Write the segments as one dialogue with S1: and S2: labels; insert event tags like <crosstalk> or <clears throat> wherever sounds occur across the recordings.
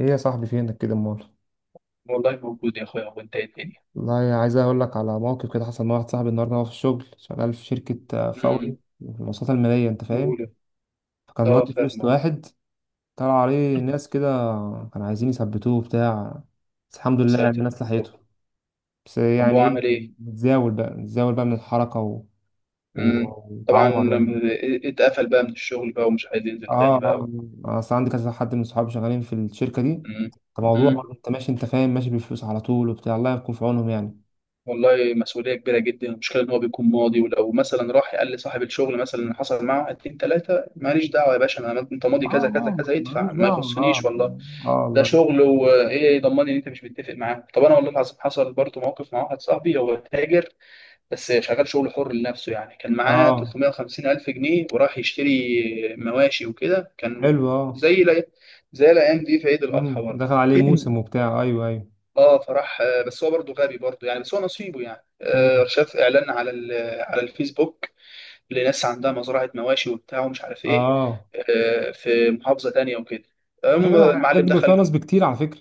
S1: ايه يا صاحبي فينك كده امال؟
S2: والله موجود يا اخويا. وانت ايه الدنيا؟
S1: والله عايز اقول لك على موقف كده حصل مع واحد صاحبي النهارده، وهو في الشغل شغال في شركه
S2: امم
S1: فوري في المواصلات الماليه، انت فاهم.
S2: اولى
S1: فكان
S2: اه
S1: مودي
S2: فاهم.
S1: فلوس لواحد، طلع عليه ناس كده كانوا عايزين يثبتوه بتاع، بس الحمد
S2: يا
S1: لله يعني
S2: ساتر.
S1: الناس
S2: طب
S1: لحقته. بس
S2: طب هو
S1: يعني ايه،
S2: عمل ايه؟
S1: متزاول بقى من الحركه و...
S2: امم طبعا
S1: وتعور يعني.
S2: لما اتقفل بقى من الشغل بقى ومش عايز ينزل
S1: اه
S2: تاني
S1: اه.
S2: بقى.
S1: اصل عندي كذا حد من صحابي شغالين في الشركه دي.
S2: امم
S1: فموضوع
S2: امم
S1: برضه انت ماشي انت فاهم ماشي بالفلوس على طول وبتاع، الله يكون في عونهم يعني.
S2: والله مسؤوليه كبيره جدا. المشكله ان هو بيكون ماضي، ولو مثلا راح قال لصاحب الشغل مثلا اللي حصل معاه، اتنين تلاته ماليش دعوه يا باشا، انا انت ماضي
S1: اه،
S2: كذا كذا
S1: اه
S2: كذا،
S1: ملوش
S2: ادفع، ما
S1: دعوة. اه.
S2: يخصنيش والله.
S1: اه
S2: ده
S1: والله.
S2: شغل، وايه يضمني ان انت مش متفق معاه؟ طب انا والله العظيم حصل برضه موقف مع واحد صاحبي، هو تاجر بس شغال شغل حر لنفسه، يعني كان معاه
S1: اه
S2: 350 ألف جنيه وراح يشتري مواشي وكده. كان
S1: حلو. اه.
S2: زي لا زي الأيام دي في عيد الأضحى
S1: مم.
S2: برضه.
S1: دخل عليه موسم
S2: <clears throat>
S1: وبتاع. ايوه ايوه.
S2: اه فراح، بس هو برضه غبي برضه، يعني بس هو نصيبه يعني.
S1: مم.
S2: شاف إعلان على على الفيسبوك، لناس عندها مزرعة مواشي وبتاع ومش عارف إيه،
S1: اه.
S2: في محافظة تانية وكده. المهم
S1: ايوه، الحاجات
S2: المعلم
S1: دي بيبقى فيها
S2: دخل.
S1: نصب كتير على فكرة.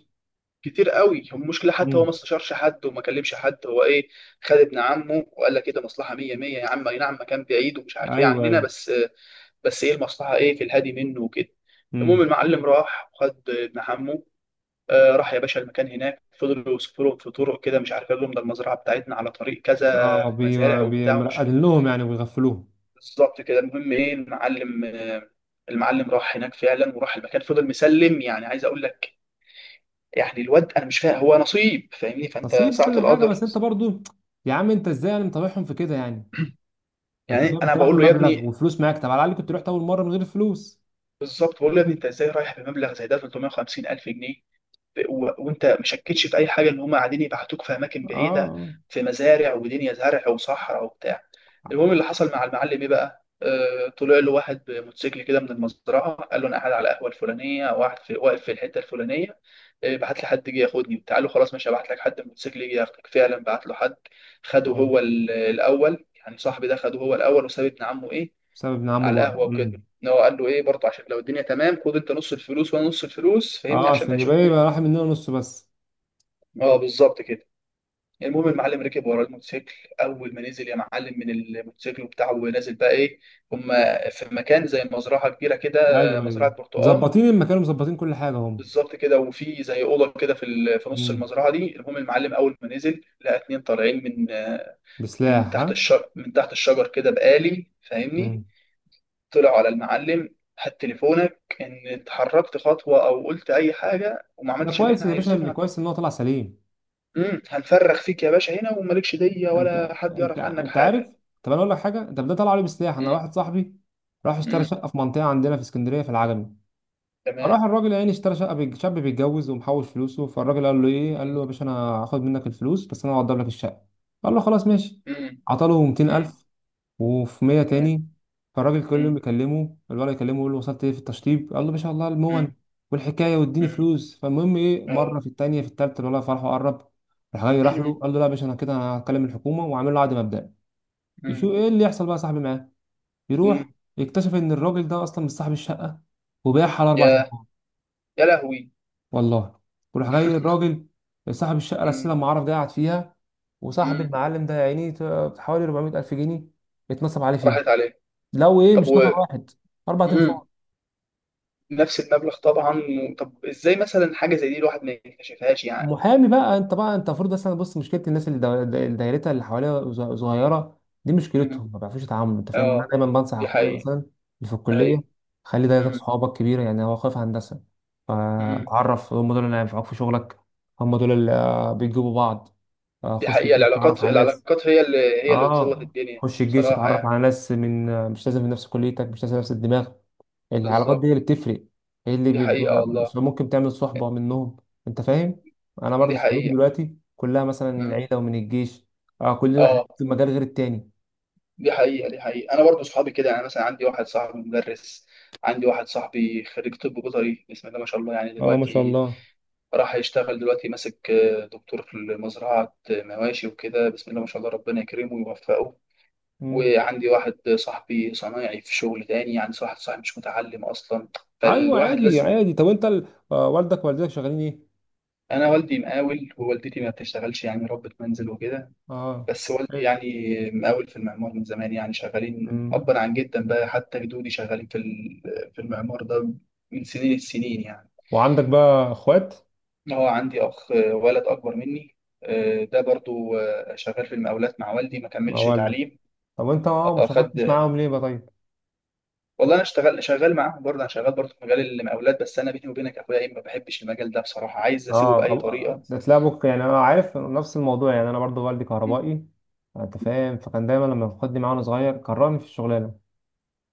S2: كتير قوي. هو المشكله حتى هو ما
S1: مم.
S2: استشارش حد وما كلمش حد. هو ايه، خد ابن عمه وقال لك كده مصلحه 100 100، يا عم اي نعم مكان بعيد ومش عارف ايه
S1: ايوه
S2: عننا،
S1: ايوه.
S2: بس بس ايه المصلحه، ايه في الهادي منه وكده. المهم
S1: مم.
S2: المعلم راح وخد ابن عمه. آه راح يا باشا المكان هناك، فضلوا يوصفوا لهم في طرق كده مش عارف، قال لهم ده المزرعه بتاعتنا على طريق كذا،
S1: اه
S2: مزارع وبتاع
S1: مرقدين لهم يعني ويغفلوهم.
S2: بالظبط كده. المهم ايه المعلم المعلم راح هناك فعلا وراح المكان، فضل مسلم يعني، عايز اقول لك يعني الواد انا مش فاهم هو نصيب، فاهمني؟ فانت
S1: نصيب
S2: ساعة
S1: وكل حاجة،
S2: القدر.
S1: بس انت برضو يا عم، انت ازاي يعني مطوعهم في كده يعني؟ انت
S2: يعني
S1: فاهم،
S2: انا
S1: انت رايح
S2: بقول له يا
S1: بمبلغ
S2: ابني،
S1: وفلوس معاك، طب على الاقل كنت رحت اول مرة من غير فلوس.
S2: بالظبط بقول له يا ابني انت ازاي رايح بمبلغ زي ده، 350 الف جنيه؟ وانت مشكتش في اي حاجه ان هم قاعدين يبعتوك في اماكن بعيده،
S1: اه
S2: في مزارع ودنيا زرع وصحراء وبتاع. المهم اللي حصل مع المعلم ايه بقى، طلع له واحد بموتوسيكل كده من المزرعه، قال له انا قاعد على القهوه الفلانيه، واحد في واقف في الحته الفلانيه، بعت لي حد جه ياخدني بتاع له، خلاص ماشي ابعت لك حد الموتوسيكل يجي ياخدك. فعلا بعت له حد خده
S1: اه،
S2: هو، الاول يعني صاحبي ده خده هو الاول وساب ابن عمه ايه
S1: بسبب ابن عمه
S2: على
S1: بره.
S2: القهوه وكده.
S1: مم.
S2: ان هو قال له ايه برضه، عشان لو الدنيا تمام خد انت نص الفلوس وانا نص الفلوس، فاهمني؟
S1: اه،
S2: عشان ما
S1: عشان يبقى إيه،
S2: يشكوش.
S1: يبقى راح مننا نص بس.
S2: اه بالظبط كده. المهم المعلم ركب ورا الموتوسيكل. اول ما نزل يا معلم من الموتوسيكل بتاعه ونازل بقى ايه، هما في مكان زي مزرعه كبيره كده،
S1: ايوه
S2: مزرعه
S1: ايوه،
S2: برتقال،
S1: مظبطين المكان ومظبطين كل حاجه هم.
S2: بالظبط كده. وفي زي اوضه كده في في نص
S1: امم،
S2: المزرعه دي. المهم المعلم اول ما نزل لقى اتنين طالعين من من
S1: بسلاح
S2: تحت
S1: ها.
S2: الشجر، كده بآلي، فاهمني؟
S1: امم،
S2: طلعوا على المعلم: هات تليفونك، ان اتحركت خطوه او قلت اي حاجه وما
S1: ده
S2: عملتش اللي
S1: كويس
S2: احنا
S1: يا باشا، اللي
S2: عايزينه
S1: كويس ان هو طلع سليم.
S2: هنفرخ فيك يا باشا هنا، ومالكش ديه
S1: انت
S2: ولا حد
S1: انت
S2: يعرف عنك
S1: انت عارف.
S2: حاجه.
S1: طب انا اقول لك حاجه، انت ده طلع عليه بسلاح، انا
S2: مم،
S1: واحد صاحبي راح اشترى
S2: مم،
S1: شقه في منطقه عندنا في اسكندريه في العجمي. فراح
S2: تمام.
S1: الراجل يعني اشترى شقه، شاب بيتجوز ومحوش فلوسه، فالراجل قال له ايه، قال له
S2: مم،
S1: يا باشا انا هاخد منك الفلوس بس انا هوضب لك الشقه. قال له خلاص ماشي.
S2: مم،
S1: عطى له
S2: مم،
S1: 200000 وفي 100
S2: تمام.
S1: تاني. فالراجل كل يوم
S2: مم،
S1: بيكلمه الولد، يكلمه يقول له وصلت ايه في التشطيب، قال له ما شاء الله المون
S2: مم،
S1: والحكايه واديني
S2: مم،
S1: فلوس. فالمهم ايه، مره
S2: اه.
S1: في التانيه، في التالته الولد فرحه قرب، راح جاي راح له
S2: <clears throat>
S1: قال له لا يا باشا، انا كده انا هكلم الحكومه، وعامل له عقد مبدئي. يشوف
S2: مم،
S1: ايه اللي يحصل بقى يا صاحبي معاه. يروح
S2: مم،
S1: يكتشف ان الراجل ده اصلا مش صاحب الشقه، وباعها على اربع
S2: يا
S1: تنفار.
S2: يا لهوي.
S1: والله، وراح جاي الراجل صاحب الشقه الاساسيه
S2: امم
S1: لما عرف ده قاعد فيها. وصاحب
S2: امم
S1: المعلم ده يا عيني حوالي 400 الف جنيه اتنصب عليه فيهم.
S2: راحت عليه.
S1: لو ايه،
S2: طب
S1: مش
S2: و،
S1: نفر واحد، اربع
S2: امم
S1: تنفار.
S2: نفس المبلغ طبعا طب ازاي مثلا حاجه زي دي الواحد ما يكتشفهاش يعني؟
S1: محامي بقى انت، بقى انت المفروض مثلا، بص، مشكله الناس اللي دايرتها اللي حواليها صغيره، دي
S2: امم
S1: مشكلتهم، ما بيعرفوش يتعاملوا، انت فاهم. انا
S2: اه
S1: دايما بنصح
S2: دي
S1: اخويا
S2: حقيقه.
S1: مثلا اللي في الكليه،
S2: اي.
S1: خلي دايرتك
S2: امم
S1: صحابك كبيره يعني، هو خايف هندسه.
S2: امم
S1: فتعرف هم دول اللي هينفعوك في شغلك، هم دول اللي بيجيبوا بعض.
S2: دي
S1: خش
S2: حقيقه،
S1: الجيش، اتعرف
S2: العلاقات،
S1: على ناس.
S2: هي اللي، هي اللي بتظبط
S1: اه،
S2: الدنيا،
S1: خش الجيش
S2: بصراحه
S1: اتعرف
S2: يعني.
S1: على ناس من، مش لازم في نفس كليتك، مش لازم نفس الدماغ. العلاقات دي اللي
S2: بالظبط،
S1: بتفرق، هي اللي
S2: دي حقيقه
S1: بيبقى
S2: والله.
S1: ممكن تعمل صحبة منهم، انت فاهم. انا برضو
S2: دي
S1: صحبتي
S2: حقيقه.
S1: دلوقتي كلها مثلا من
S2: امم
S1: العيلة ومن الجيش. اه، كل واحد
S2: اه
S1: في مجال غير التاني.
S2: دي حقيقه، انا برضو صحابي كده، يعني مثلا عندي واحد صاحبي مدرس، عندي واحد صاحبي خريج طب بيطري، بسم الله ما شاء الله، يعني
S1: اه، ما شاء
S2: دلوقتي
S1: الله.
S2: راح يشتغل دلوقتي، ماسك دكتور في مزرعة مواشي وكده، بسم الله ما شاء الله، ربنا يكرمه ويوفقه.
S1: مم.
S2: وعندي واحد صاحبي صنايعي في شغل تاني، يعني واحد صاحبي مش متعلم أصلا.
S1: ايوه
S2: فالواحد
S1: عادي
S2: لازم.
S1: عادي، طب انت ال... آه والدك ووالدتك شغالين ايه؟
S2: أنا والدي مقاول ووالدتي ما بتشتغلش يعني، ربة منزل وكده،
S1: اه
S2: بس والدي
S1: حلو.
S2: يعني مقاول في المعمار من زمان، يعني شغالين
S1: مم.
S2: أبا عن جدا بقى، حتى جدودي شغالين في في المعمار ده من سنين السنين يعني.
S1: وعندك بقى اخوات؟
S2: هو عندي اخ، ولد اكبر مني، ده برضو شغال في المقاولات مع والدي، ما
S1: مع
S2: كملش
S1: والدة؟
S2: تعليم.
S1: طب انت ما شاركتش
S2: خد،
S1: معاهم ليه بقى طيب؟
S2: والله انا اشتغل شغال معاهم برضه، انا شغال برضه في مجال المقاولات، بس انا بيني وبينك يا اخويا ايه، ما بحبش المجال ده بصراحه، عايز اسيبه باي
S1: اه،
S2: طريقه.
S1: تلاقي ابوك، يعني انا عارف نفس الموضوع، يعني انا برضو والدي
S2: مم.
S1: كهربائي، انت فاهم. فكان دايما لما بياخدني معاه وانا صغير كرهني في الشغلانه.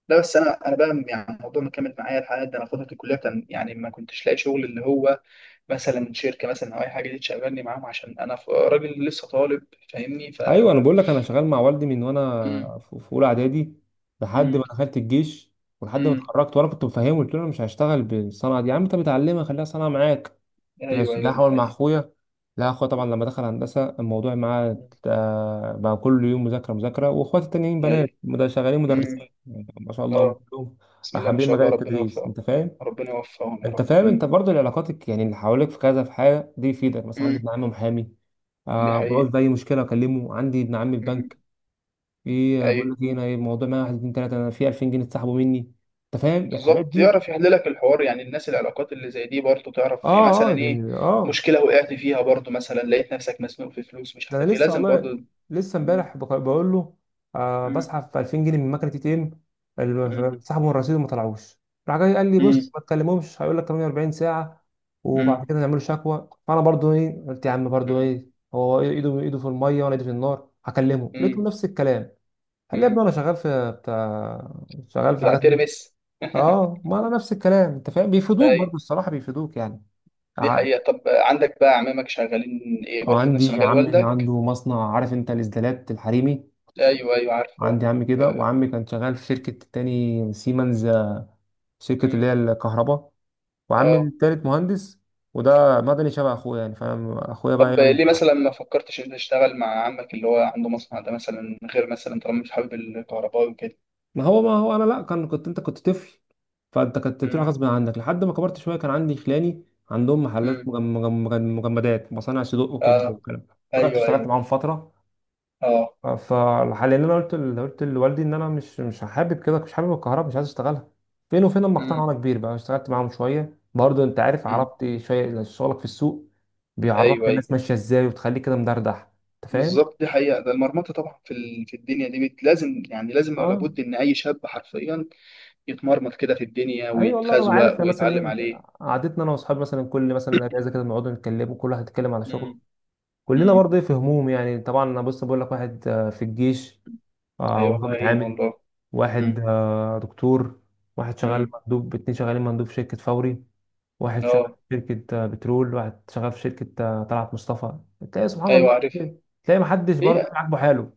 S2: لا بس انا بقى يعني الموضوع مكمل معايا لحد ده. انا فتره الكليه كان يعني ما كنتش لاقي شغل، اللي هو مثلا شركه مثلا او اي حاجه دي تشغلني معاهم، عشان انا راجل لسه طالب، فاهمني؟ ف،
S1: ايوه انا بقول لك، انا شغال مع والدي من
S2: مم.
S1: وانا في اولى اعدادي لحد
S2: مم.
S1: ما دخلت الجيش، ولحد ما
S2: مم.
S1: اتخرجت. وانا كنت مفهمه، قلت له انا مش هشتغل بالصنعه دي يا عم، انت متعلمها خليها صنعه معاك
S2: ايوه،
S1: ماشي، لا
S2: دي
S1: هحاول مع
S2: حقيقه.
S1: اخويا. لا اخويا طبعا لما دخل هندسه، الموضوع معاه
S2: مم.
S1: بقى كل يوم مذاكره مذاكره. واخواتي التانيين
S2: ايوه.
S1: بنات شغالين مدرسين،
S2: مم.
S1: يعني ما شاء الله هم
S2: اه.
S1: كلهم
S2: بسم الله ما
S1: حابين
S2: شاء
S1: مجال
S2: الله، ربنا
S1: التدريس،
S2: يوفقهم.
S1: انت فاهم.
S2: ربنا يوفقهم يا
S1: انت
S2: رب.
S1: فاهم،
S2: مم.
S1: انت برضو العلاقاتك يعني اللي حواليك في كذا، في حاجه دي يفيدك. مثلا عندي
S2: مم.
S1: ابن عمي محامي،
S2: دي
S1: آه، بعوز
S2: حقيقة.
S1: باي مشكله اكلمه. عندي ابن عمي في
S2: مم.
S1: بنك، ايه، بقول
S2: أيوة.
S1: لك ايه، انا الموضوع معايا واحد اتنين تلاته، انا في 2000 جنيه اتسحبوا مني، انت فاهم الحاجات
S2: بالظبط،
S1: دي.
S2: يعرف يحللك الحوار يعني. الناس، العلاقات اللي زي دي برضه تعرف، يعني مثلا
S1: اه اه،
S2: إيه،
S1: يعني اه،
S2: مشكلة وقعت فيها برضه، مثلا لقيت نفسك مسنوق في فلوس مش
S1: ده انا
S2: عارف إيه،
S1: لسه
S2: لازم
S1: والله،
S2: برضه.
S1: لسه
S2: مم.
S1: امبارح بقول له آه،
S2: مم.
S1: بسحب في 2000 جنيه من مكنه اي تي
S2: مم.
S1: ام سحبوا الرصيد وما طلعوش. راح جاي قال لي
S2: مم.
S1: بص ما تكلمهمش، هيقول لك 48 ساعه وبعد
S2: مم.
S1: كده نعملوا شكوى. فانا برضو ايه قلت يا عم، برضو
S2: مم.
S1: ايه، هو ايده ايده في الميه وانا ايدي في النار. هكلمه لقيته
S2: مم.
S1: نفس الكلام، قال لي يا ابني
S2: مم.
S1: انا شغال في بتاع، شغال في
S2: بتاع
S1: حاجات.
S2: ترمس. <laughs>
S1: اه، ما انا نفس الكلام، انت فاهم بيفيدوك
S2: أيوة.
S1: برضو، الصراحه بيفيدوك يعني.
S2: دي
S1: ع-
S2: حقيقة. طب عندك بقى أعمامك شغالين إيه برضه، في نفس
S1: عندي
S2: مجال
S1: عمي
S2: والدك؟
S1: عنده مصنع، عارف انت الاسدالات الحريمي.
S2: أيوة أيوة عارفه.
S1: عندي عمي كده،
S2: أه.
S1: وعمي كان شغال في شركة تاني سيمنز، شركة اللي
S2: مم.
S1: هي الكهرباء. وعمي
S2: اه.
S1: التالت مهندس، وده مدني شبه اخويا يعني، فاهم اخويا بقى
S2: طب
S1: يعمل.
S2: ليه مثلا ما فكرتش انت تشتغل مع عمك اللي هو عنده مصنع ده مثلا، غير مثلا طالما مش حابب الكهرباء وكده؟
S1: ما هو انا، لا كنت انت كنت طفل، فانت كنت بتروح
S2: امم
S1: غصب عنك، لحد ما كبرت شويه كان عندي خلاني عندهم محلات
S2: امم
S1: مجمدات مصانع صدوق وكبده
S2: اه.
S1: والكلام ده، رحت
S2: ايوه
S1: اشتغلت
S2: ايوه
S1: معاهم فتره.
S2: اه.
S1: فحاليا انا قلت لوالدي ان انا مش حابب كده، مش حابب الكهرباء، مش عايز اشتغلها. فين وفين اما اقتنع، وانا
S2: امم
S1: كبير بقى اشتغلت معاهم شويه برضه، انت عارف
S2: امم
S1: عربتي شويه شغلك في السوق، بيعرفك
S2: ايوه.
S1: الناس ماشيه ازاي، وتخليك كده مدردح، انت فاهم.
S2: بالظبط، دي حقيقة. ده المرمطة طبعا في في الدنيا دي لازم يعني، لازم ولا
S1: اه،
S2: بد ان اي شاب حرفيا يتمرمط كده في الدنيا
S1: اي والله انا عارف
S2: ويتخزوق
S1: يعني، مثلا ايه
S2: ويتعلم عليه.
S1: قعدتنا انا واصحابي مثلا كل مثلا اجازه كده بنقعد نتكلم، وكل واحد يتكلم على شغله.
S2: امم
S1: كلنا
S2: امم
S1: برضه ايه في هموم يعني. طبعا انا بص بقول لك، واحد في الجيش،
S2: ايوه، الله
S1: وضابط
S2: يعين
S1: عامل.
S2: والله.
S1: واحد
S2: امم
S1: دكتور. واحد شغال
S2: امم
S1: مندوب، اتنين شغالين مندوب في شركة فوري. واحد شغال
S2: اه.
S1: في شركة بترول، واحد شغال في شركة طلعت مصطفى. تلاقي سبحان
S2: ايوه
S1: الله،
S2: عارف.
S1: تلاقي محدش برضه
S2: هي،
S1: عاجبه حاله.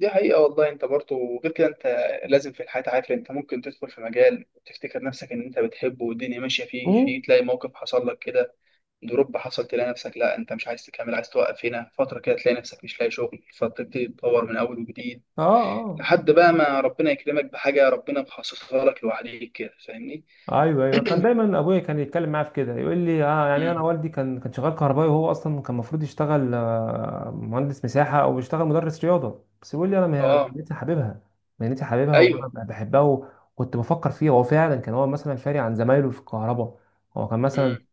S2: دي حقيقة والله. انت برضه غير كده، انت لازم في الحياة، عارف انت ممكن تدخل في مجال وتفتكر نفسك ان انت بتحبه والدنيا ماشية فيه،
S1: مم.
S2: فيه تلاقي موقف حصل لك كده، دروب حصل، تلاقي نفسك لا انت مش عايز تكمل، عايز توقف هنا فترة كده، تلاقي نفسك مش لاقي شغل، فتبتدي تدور من اول وجديد،
S1: اه اه،
S2: لحد بقى ما ربنا يكرمك بحاجة ربنا مخصصها لك لوحديك كده، فاهمني؟
S1: ايوه ايوه. كان دايما ابويا كان يتكلم معايا في كده، يقول لي اه يعني، انا
S2: امم
S1: والدي كان شغال كهربائي، وهو اصلا كان المفروض يشتغل مهندس مساحه، او يشتغل مدرس رياضه، بس يقول لي انا
S2: اه
S1: مهنتي حاببها، مهنتي حاببها
S2: ايوه
S1: وانا بحبها، وكنت بفكر فيها. هو فعلا كان هو مثلا فارق عن زمايله في الكهرباء، هو كان
S2: امم
S1: مثلا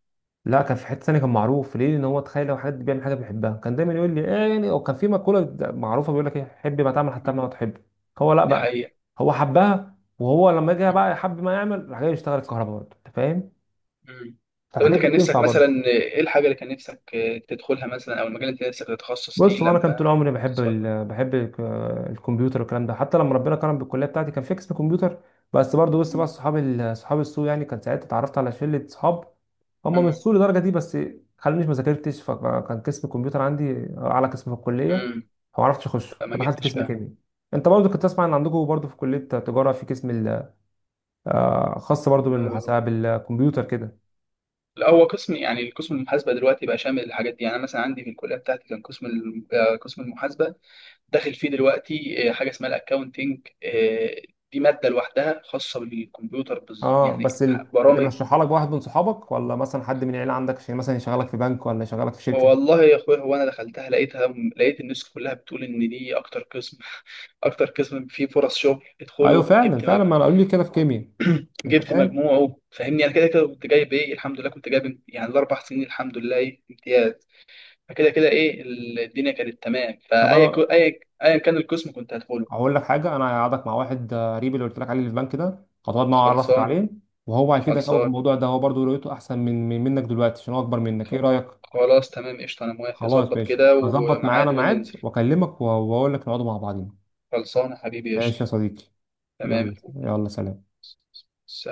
S1: لا، كان في حته ثانيه، كان معروف ليه ان هو تخيل لو حد بيعمل حاجه بيحبها. كان دايما يقول لي ايه يعني، او كان في مقوله معروفه بيقول لك ايه، حب ما تعمل حتى ما تحب. هو لا
S2: دي
S1: بقى،
S2: حقيقة.
S1: هو حبها، وهو لما جه بقى يحب ما يعمل راح جاي يشتغل الكهرباء برضه، انت فاهم.
S2: مم. طب انت
S1: فالحاجات دي
S2: كان نفسك
S1: بتنفع برضه.
S2: مثلا ايه الحاجه اللي كان نفسك تدخلها مثلا، او المجال اللي انت نفسك تتخصص
S1: بص،
S2: فيه
S1: هو انا كان طول
S2: لما
S1: عمري بحب
S2: تصغر؟
S1: الكمبيوتر والكلام ده. حتى لما ربنا كرم بالكليه بتاعتي كان في قسم كمبيوتر، بس برضه بص بقى صحاب صحاب السوق يعني، كان ساعتها اتعرفت على شله صحاب، هم مش سوء لدرجه دي، بس خلونيش ما ذاكرتش. فكان قسم الكمبيوتر عندي اعلى قسم في الكليه، فما عرفتش اخش،
S2: فما
S1: فدخلت
S2: جبتش
S1: قسم
S2: بقى.
S1: كيمياء. انت برضه كنت تسمع ان عندكم برضه في كليه تجاره في قسم خاص برضه
S2: آه،
S1: بالمحاسبه بالكمبيوتر كده.
S2: لا هو قسم، يعني القسم المحاسبه دلوقتي بقى شامل الحاجات دي. يعني انا مثلا عندي في الكليه بتاعتي كان قسم قسم المحاسبه، داخل فيه دلوقتي حاجه اسمها الاكاونتنج، دي ماده لوحدها خاصه بالكمبيوتر
S1: اه،
S2: يعني
S1: بس اللي
S2: برامج.
S1: مرشحها لك واحد من صحابك، ولا مثلا حد من العيله عندك عشان مثلا يشغلك في بنك ولا يشغلك في شركه؟
S2: والله يا اخويا هو انا دخلتها، لقيتها، لقيت الناس كلها بتقول ان دي اكتر قسم <laughs> اكتر قسم فيه فرص شغل،
S1: ايوه
S2: ادخله.
S1: فعلا فعلا، ما انا قالوا لي كده في كيمياء، انت
S2: جبت
S1: فاهم.
S2: مجموعه، فاهمني؟ انا كده كده كنت جايب ايه، الحمد لله كنت جايب يعني الاربع سنين الحمد لله ايه امتياز. فكده كده ايه الدنيا كانت تمام،
S1: طب
S2: فاي ك-
S1: انا
S2: اي ايا كان القسم كنت هدخله.
S1: هقول لك حاجه، انا هقعدك مع واحد قريب اللي قلت لك عليه اللي في البنك ده، هتقعد معاه، اعرفك
S2: خلصان.
S1: عليه، وهو هيفيدك قوي في
S2: خلصان.
S1: الموضوع ده. هو برضه رؤيته احسن منك دلوقتي عشان هو اكبر منك. ايه
S2: خ-
S1: رايك؟
S2: خلاص تمام، قشطه، انا موافق.
S1: خلاص
S2: ظبط
S1: ماشي،
S2: كده
S1: هظبط معانا
S2: وميعاد
S1: ميعاد
S2: وننزل.
S1: واكلمك، واقول لك نقعدوا مع بعضين.
S2: خلصان يا حبيبي،
S1: ماشي
S2: قشطه.
S1: يا صديقي.
S2: تمام يا
S1: يلا
S2: أخوي.
S1: يلا، سلام.